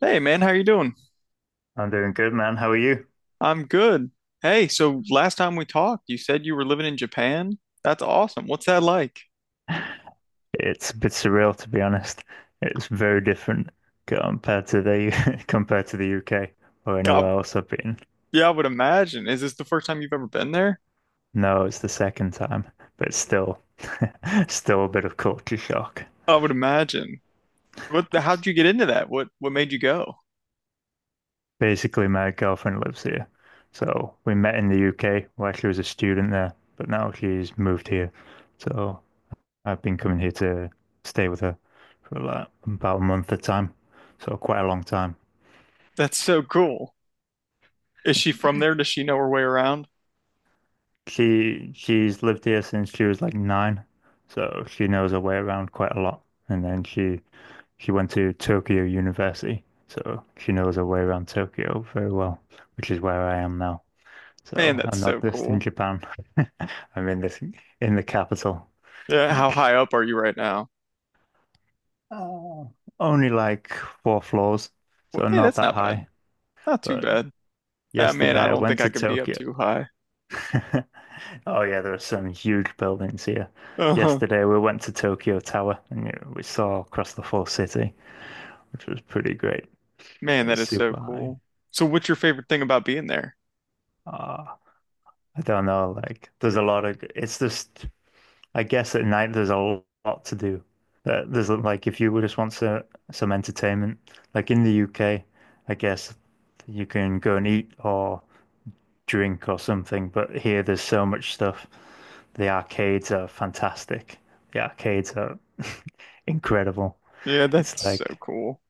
Hey man, how you doing? I'm doing good, man. How are you? I'm good. Hey, so last time we talked, you said you were living in Japan. That's awesome. What's that like? It's a bit surreal, to be honest. It's very different compared to the U- compared to the UK or anywhere God, else I've been. yeah, I would imagine. Is this the first time you've ever been there? No, it's the second time, but still, still a bit of culture shock. I would imagine. How'd you get into that? What made you go? Basically, my girlfriend lives here, so we met in the UK where she was a student there, but now she's moved here. So I've been coming here to stay with her for like about a month at a time, so quite a long time. That's so cool. Is she from there? Does she know her way around? She's lived here since she was like nine, so she knows her way around quite a lot. And then she went to Tokyo University, so she knows her way around Tokyo very well, which is where I am now. Man, So that's I'm not so just in cool. Japan. I'm in this in the capital. Yeah, how Like, high up are you right now? uh, only like four floors, Well, so hey, not that's that not bad. high. Not too But bad. Ah, man, I yesterday I don't went think I to could be up Tokyo. too high. Oh yeah, there are some huge buildings here. Uh-huh. Yesterday we went to Tokyo Tower and you we saw across the full city, which was pretty great. Man, that It's is so super high. cool. So what's your favorite thing about being there? Ah, I don't know, like there's a lot of it's just I guess at night there's a lot to do. There's like if you just want some entertainment, like in the UK, I guess you can go and eat or drink or something, but here there's so much stuff. The arcades are fantastic. The arcades are incredible. Yeah, It's that's so like cool.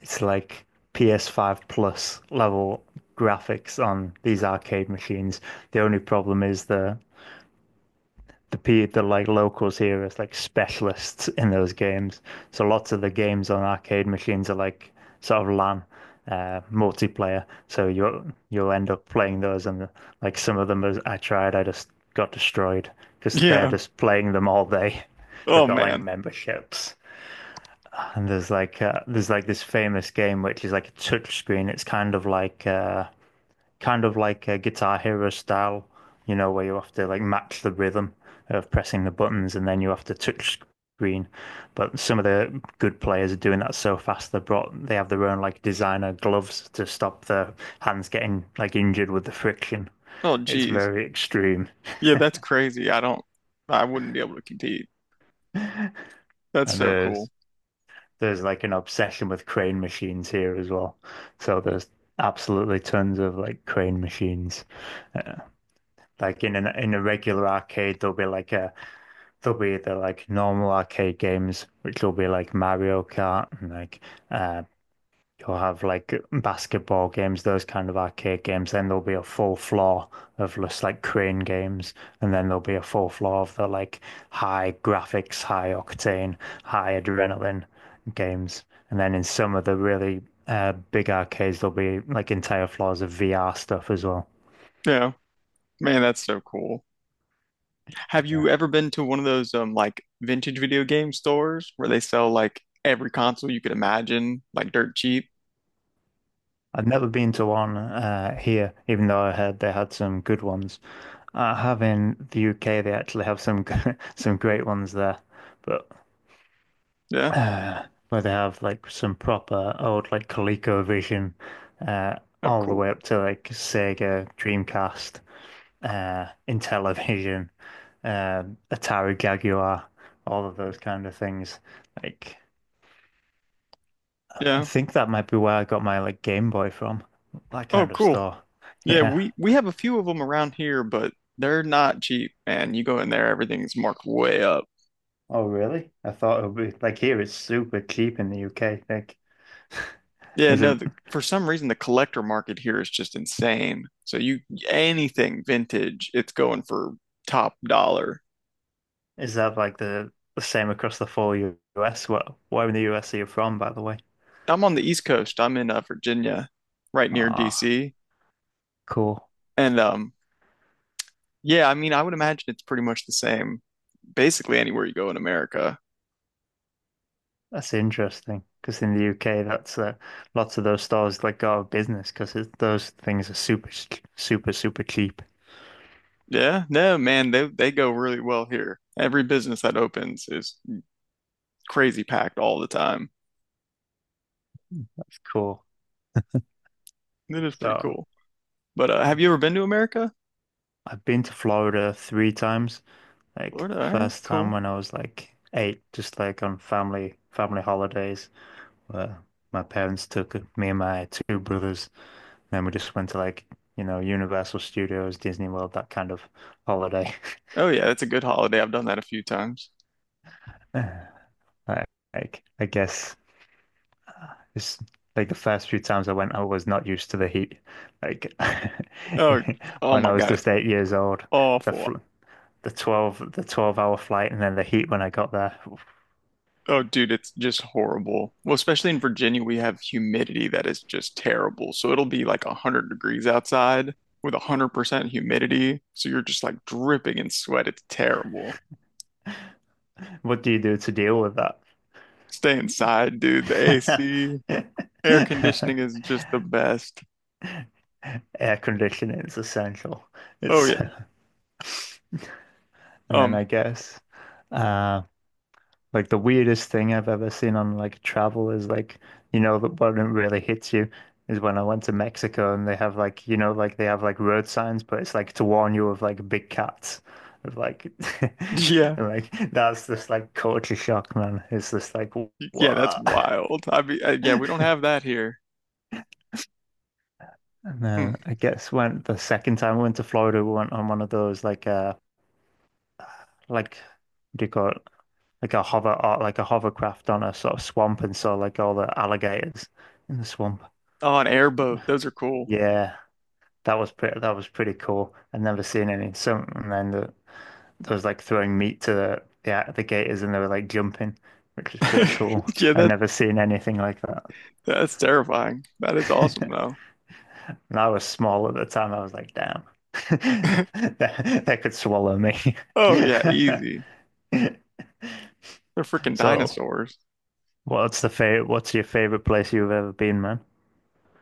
it's like PS5 plus level graphics on these arcade machines. The only problem is the like locals here as like specialists in those games. So lots of the games on arcade machines are like sort of LAN, multiplayer. So you'll end up playing those, and like some of them as I tried, I just got destroyed because they're Yeah. just playing them all day. They've Oh got like man. memberships, and there's like this famous game which is like a touch screen. It's kind of like a Guitar Hero style, where you have to like match the rhythm of pressing the buttons and then you have to touch screen. But some of the good players are doing that so fast. They have their own like designer gloves to stop their hands getting like injured with the friction. Oh It's geez. very extreme. Yeah, that's crazy. I wouldn't be able to compete. And That's so cool. there's like an obsession with crane machines here as well. So there's absolutely tons of like crane machines. Uh, Like in an in a regular arcade, there'll be the like normal arcade games, which will be like Mario Kart and like uh you'll have like basketball games, those kind of arcade games. Then there'll be a full floor of just like crane games, and then there'll be a full floor of the like high graphics, high octane, high adrenaline games. And then in some of the really big arcades there'll be like entire floors of VR stuff as well. Yeah. Man, that's so cool. Have you Yeah. ever been to one of those like vintage video game stores where they sell like every console you could imagine, like dirt cheap? I've never been to one here, even though I heard they had some good ones. I have in the UK, they actually have some great ones there, but Yeah. uh, where they have like some proper old like ColecoVision, uh, Oh all the cool. way up to like Sega Dreamcast, Intellivision, uh, Atari Jaguar, all of those kind of things. Like I Yeah. think that might be where I got my like Game Boy from, that Oh kind of cool. store. Yeah, Yeah. we have a few of them around here, but they're not cheap, man. You go in there, everything's marked way up. Oh, really? I thought it would be like here it's super cheap in the UK. Like, Yeah, is it? no, for some reason the collector market here is just insane. So you Anything vintage, it's going for top dollar. Is that like the same across the full US? Well, where in the US are you from, by the way? I'm on the East Coast. I'm in Virginia, right near Ah, DC. cool. And yeah, I mean, I would imagine it's pretty much the same basically anywhere you go in America. That's interesting. Because in the UK, that's lots of those stores like go out of business because those things are super, super cheap. Yeah, no, man, they go really well here. Every business that opens is crazy packed all the time. That's cool. It is pretty So cool. But have you ever been to America? I've been to Florida three times. Like Florida, the all right, first time cool. when I was like eight, just like on family holidays, where my parents took me and my two brothers. Then we just went to like, Universal Studios, Disney World, that kind of holiday. Oh yeah, that's a good holiday. I've done that a few times. Like, like, I guess it's like the first few times I went, I was not used to the heat. Like Oh, oh when my I was God, it's just 8 years old, the awful. fl the 12 the 12-hour flight and then the heat when I got there. Oh, dude, it's just horrible. Well, especially in Virginia, we have humidity that is just terrible. So it'll be like 100 degrees outside with 100% humidity. So you're just like dripping in sweat. It's terrible. What do you do to deal with Stay inside, dude. The that? AC, air conditioning is just the best. Air conditioning is essential. Oh It's yeah. and then Um, I guess. Um, Like the weirdest thing I've ever seen on like travel is like, the one really hits you is when I went to Mexico and they have like they have like road signs, but it's like to warn you of like big cats. Of like, yeah. and like that's just like culture shock, man. It's just like Yeah, that's what? wild. I mean, yeah, we don't have that here. And Hmm. then I guess when the second time we went to Florida, we went on one of those like what do you call it? Like a hover or like a hovercraft on a sort of swamp and saw like all the alligators in the swamp. Oh, an airboat. Those are cool. Yeah, that was pretty. That was pretty cool. I'd never seen any. Some and then the, there was like throwing meat to the gators, and they were like jumping, which was pretty cool. Yeah, I'd never seen anything like that. that's terrifying. That is awesome though. And I was small at the time. I was like, damn, they could swallow me. Oh yeah, easy. They're freaking So, dinosaurs. what's the favorite? What's your favorite place you've ever been, man?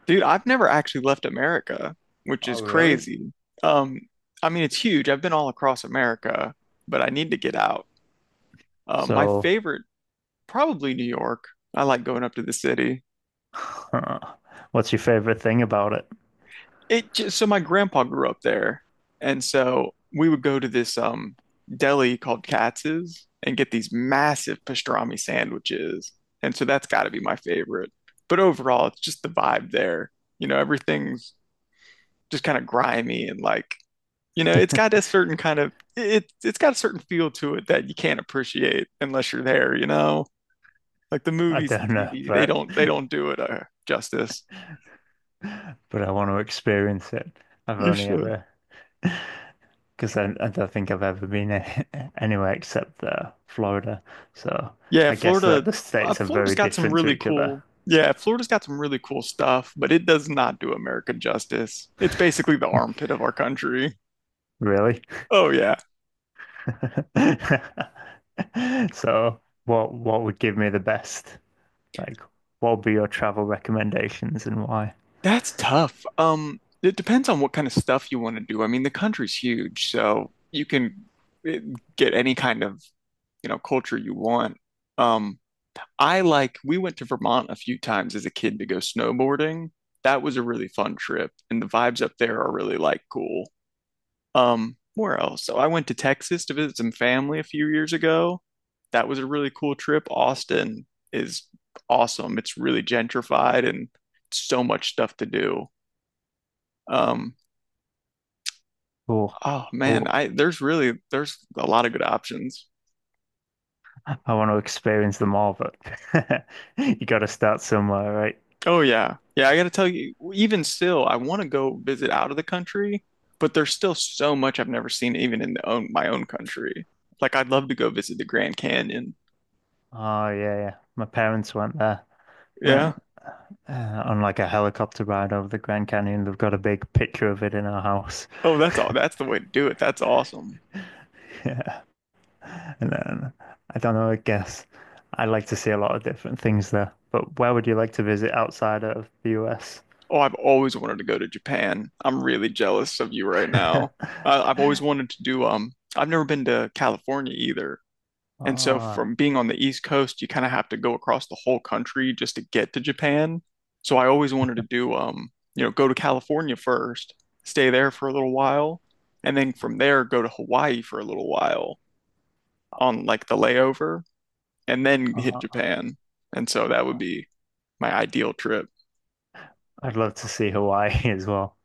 Dude, I've never actually left America, which is Oh, really? crazy. Um, I mean it's huge. I've been all across America, but I need to get out. Um, my So, favorite, probably New York. I like going up to the city. what's your favorite thing about it? It just so my grandpa grew up there. And so we would go to this deli called Katz's and get these massive pastrami sandwiches. And so that's got to be my favorite. But overall, it's just the vibe there. You know, everything's just kind of grimy, and it's got a certain kind of it's got a certain feel to it that you can't appreciate unless you're there, you know, like the I movies and don't know, TV, but they don't do it justice. but I want to experience it. I've You only should. ever, because I don't think I've ever been anywhere except Florida. So Yeah, I guess Florida, that the states are Florida's very got some different to really each other, cool, Florida's got some really cool stuff, but it does not do America justice. It's basically the armpit of our country. really. Oh yeah. So what would give me the best? Like, what would be your travel recommendations and why? That's tough. It depends on what kind of stuff you want to do. I mean, the country's huge, so you can eh, get any kind of, you know, culture you want. Um, we went to Vermont a few times as a kid to go snowboarding. That was a really fun trip, and the vibes up there are really like cool. Where else? So I went to Texas to visit some family a few years ago. That was a really cool trip. Austin is awesome. It's really gentrified and so much stuff to do. Um, Oh, oh man, oh, I there's really there's a lot of good options. I want to experience them all, but you got to start somewhere, right? Oh yeah. Yeah, I gotta tell you, even still, I want to go visit out of the country, but there's still so much I've never seen even in the own my own country. Like I'd love to go visit the Grand Canyon. Oh yeah, yeah. My parents went there. When Yeah. On like a helicopter ride over the Grand Canyon. They've got a big picture of it in our house. Oh, that's all. That's the way to do it. That's awesome. Yeah. And then I don't know, I guess I'd like to see a lot of different things there. But where would you like to visit outside of the US? Oh, I've always wanted to go to Japan. I'm really jealous of you right now. I've always wanted to do I've never been to California either. And so Ah, from being on the East Coast, you kind of have to go across the whole country just to get to Japan. So I always wanted to do, you know, go to California first, stay there for a little while, and then from there go to Hawaii for a little while on like the layover and then hit ah, Japan. And so that would be my ideal trip. I'd love to see Hawaii as well.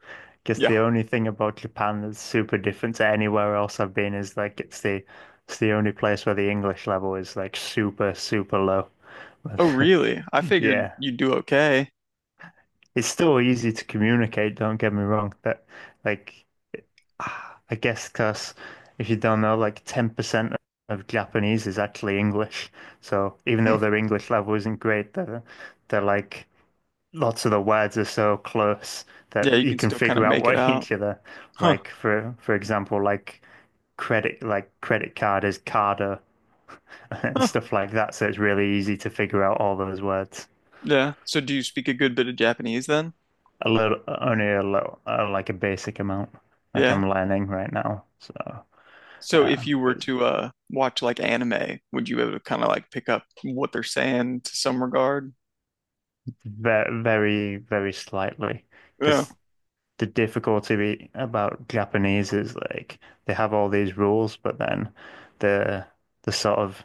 Guess the Yeah. only thing about Japan that's super different to anywhere else I've been is like it's the only place where the English level is like super, super low. Oh, But really? I figured yeah. you'd do okay. It's still easy to communicate, don't get me wrong. That, like, I guess because if you don't know, like 10% of Japanese is actually English. So even though Hmm. their English level isn't great, they're like, lots of the words are so close that Yeah, you you can can still kind of figure out make it what out. each other, Huh. like, for example, like credit card is carder and Huh. stuff like that. So it's really easy to figure out all those words. Yeah. So do you speak a good bit of Japanese then? A little, only a little, like a basic amount. Like Yeah. I'm learning right now, so So if you were it's to watch like anime, would you be able to kind of like pick up what they're saying to some regard? very, very, very slightly. Yeah. Because the difficulty about Japanese is like they have all these rules, but then the the sort of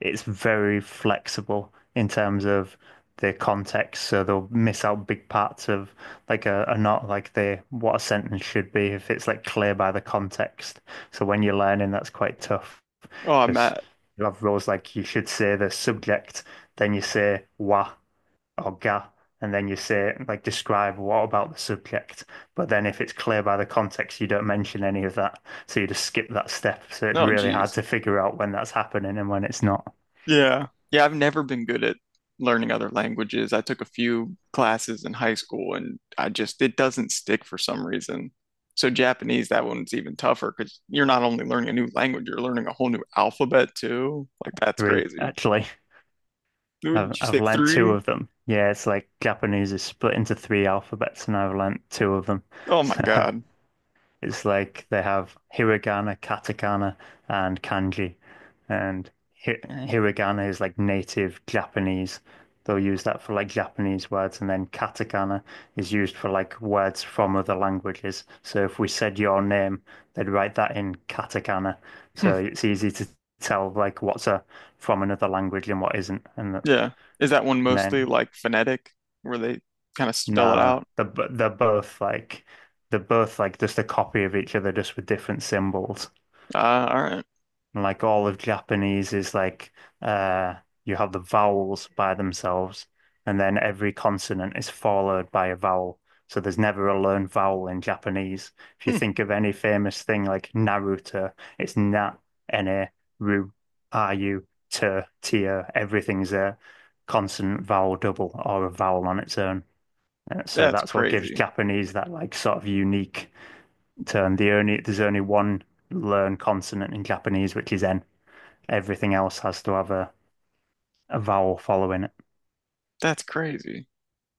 it's very flexible in terms of the context, so they'll miss out big parts of like a not like the what a sentence should be if it's like clear by the context. So when you're learning, that's quite tough. Oh, I'm Because at. you have rules like you should say the subject, then you say wa or ga, and then you say like describe what about the subject. But then if it's clear by the context, you don't mention any of that, so you just skip that step. So it's Oh, really hard geez. to figure out when that's happening and when it's not. Yeah. Yeah, I've never been good at learning other languages. I took a few classes in high school, and I just it doesn't stick for some reason. So Japanese, that one's even tougher because you're not only learning a new language, you're learning a whole new alphabet too. Like that's Three, crazy. actually. I've Would you I've say learnt two three? of them. Yeah, it's like Japanese is split into three alphabets, and I've learnt two of them. Oh my So God. it's like they have hiragana, katakana, and kanji. And hiragana is like native Japanese. They'll use that for like Japanese words, and then katakana is used for like words from other languages. So if we said your name, they'd write that in katakana. So it's easy to tell like what's a from another language and what isn't. And, Yeah. Is that one and mostly then like phonetic where they kind of spell it no, out? they're both like just a copy of each other, just with different symbols. Uh, all right. And like all of Japanese is like uh you have the vowels by themselves and then every consonant is followed by a vowel. So there's never a learned vowel in Japanese. If you Hmm. think of any famous thing like Naruto, it's na, na, ru, ru, te, tia, everything's a consonant vowel double or a vowel on its own. So That's that's what gives crazy. Japanese that like sort of unique turn. There's only one learned consonant in Japanese, which is N. Everything else has to have a vowel following it. That's crazy.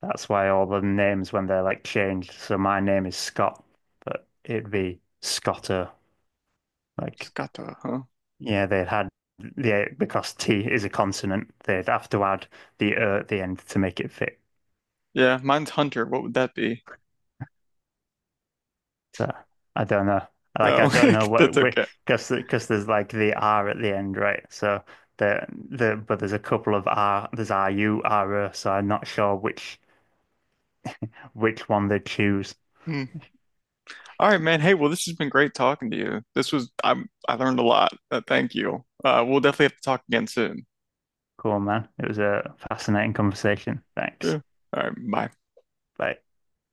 That's why all the names when they're like changed. So my name is Scott, but it'd be Scotter. Like Scotto, huh? yeah, they'd had the because T is a consonant, they'd have to add the at the end to make it fit. Yeah, mine's Hunter. What would that be? So I don't know. Like I Oh, don't know that's what okay. because there's like the R at the end, right? So the but there's a couple of R. There's R U R O, so I'm not sure which one they choose. Hmm. All right, man. Hey, well, this has been great talking to you. This was I learned a lot. Thank you. We'll definitely have to talk again soon. Cool, man. It was a fascinating conversation. Thanks. Yeah. All right. Bye. Bye.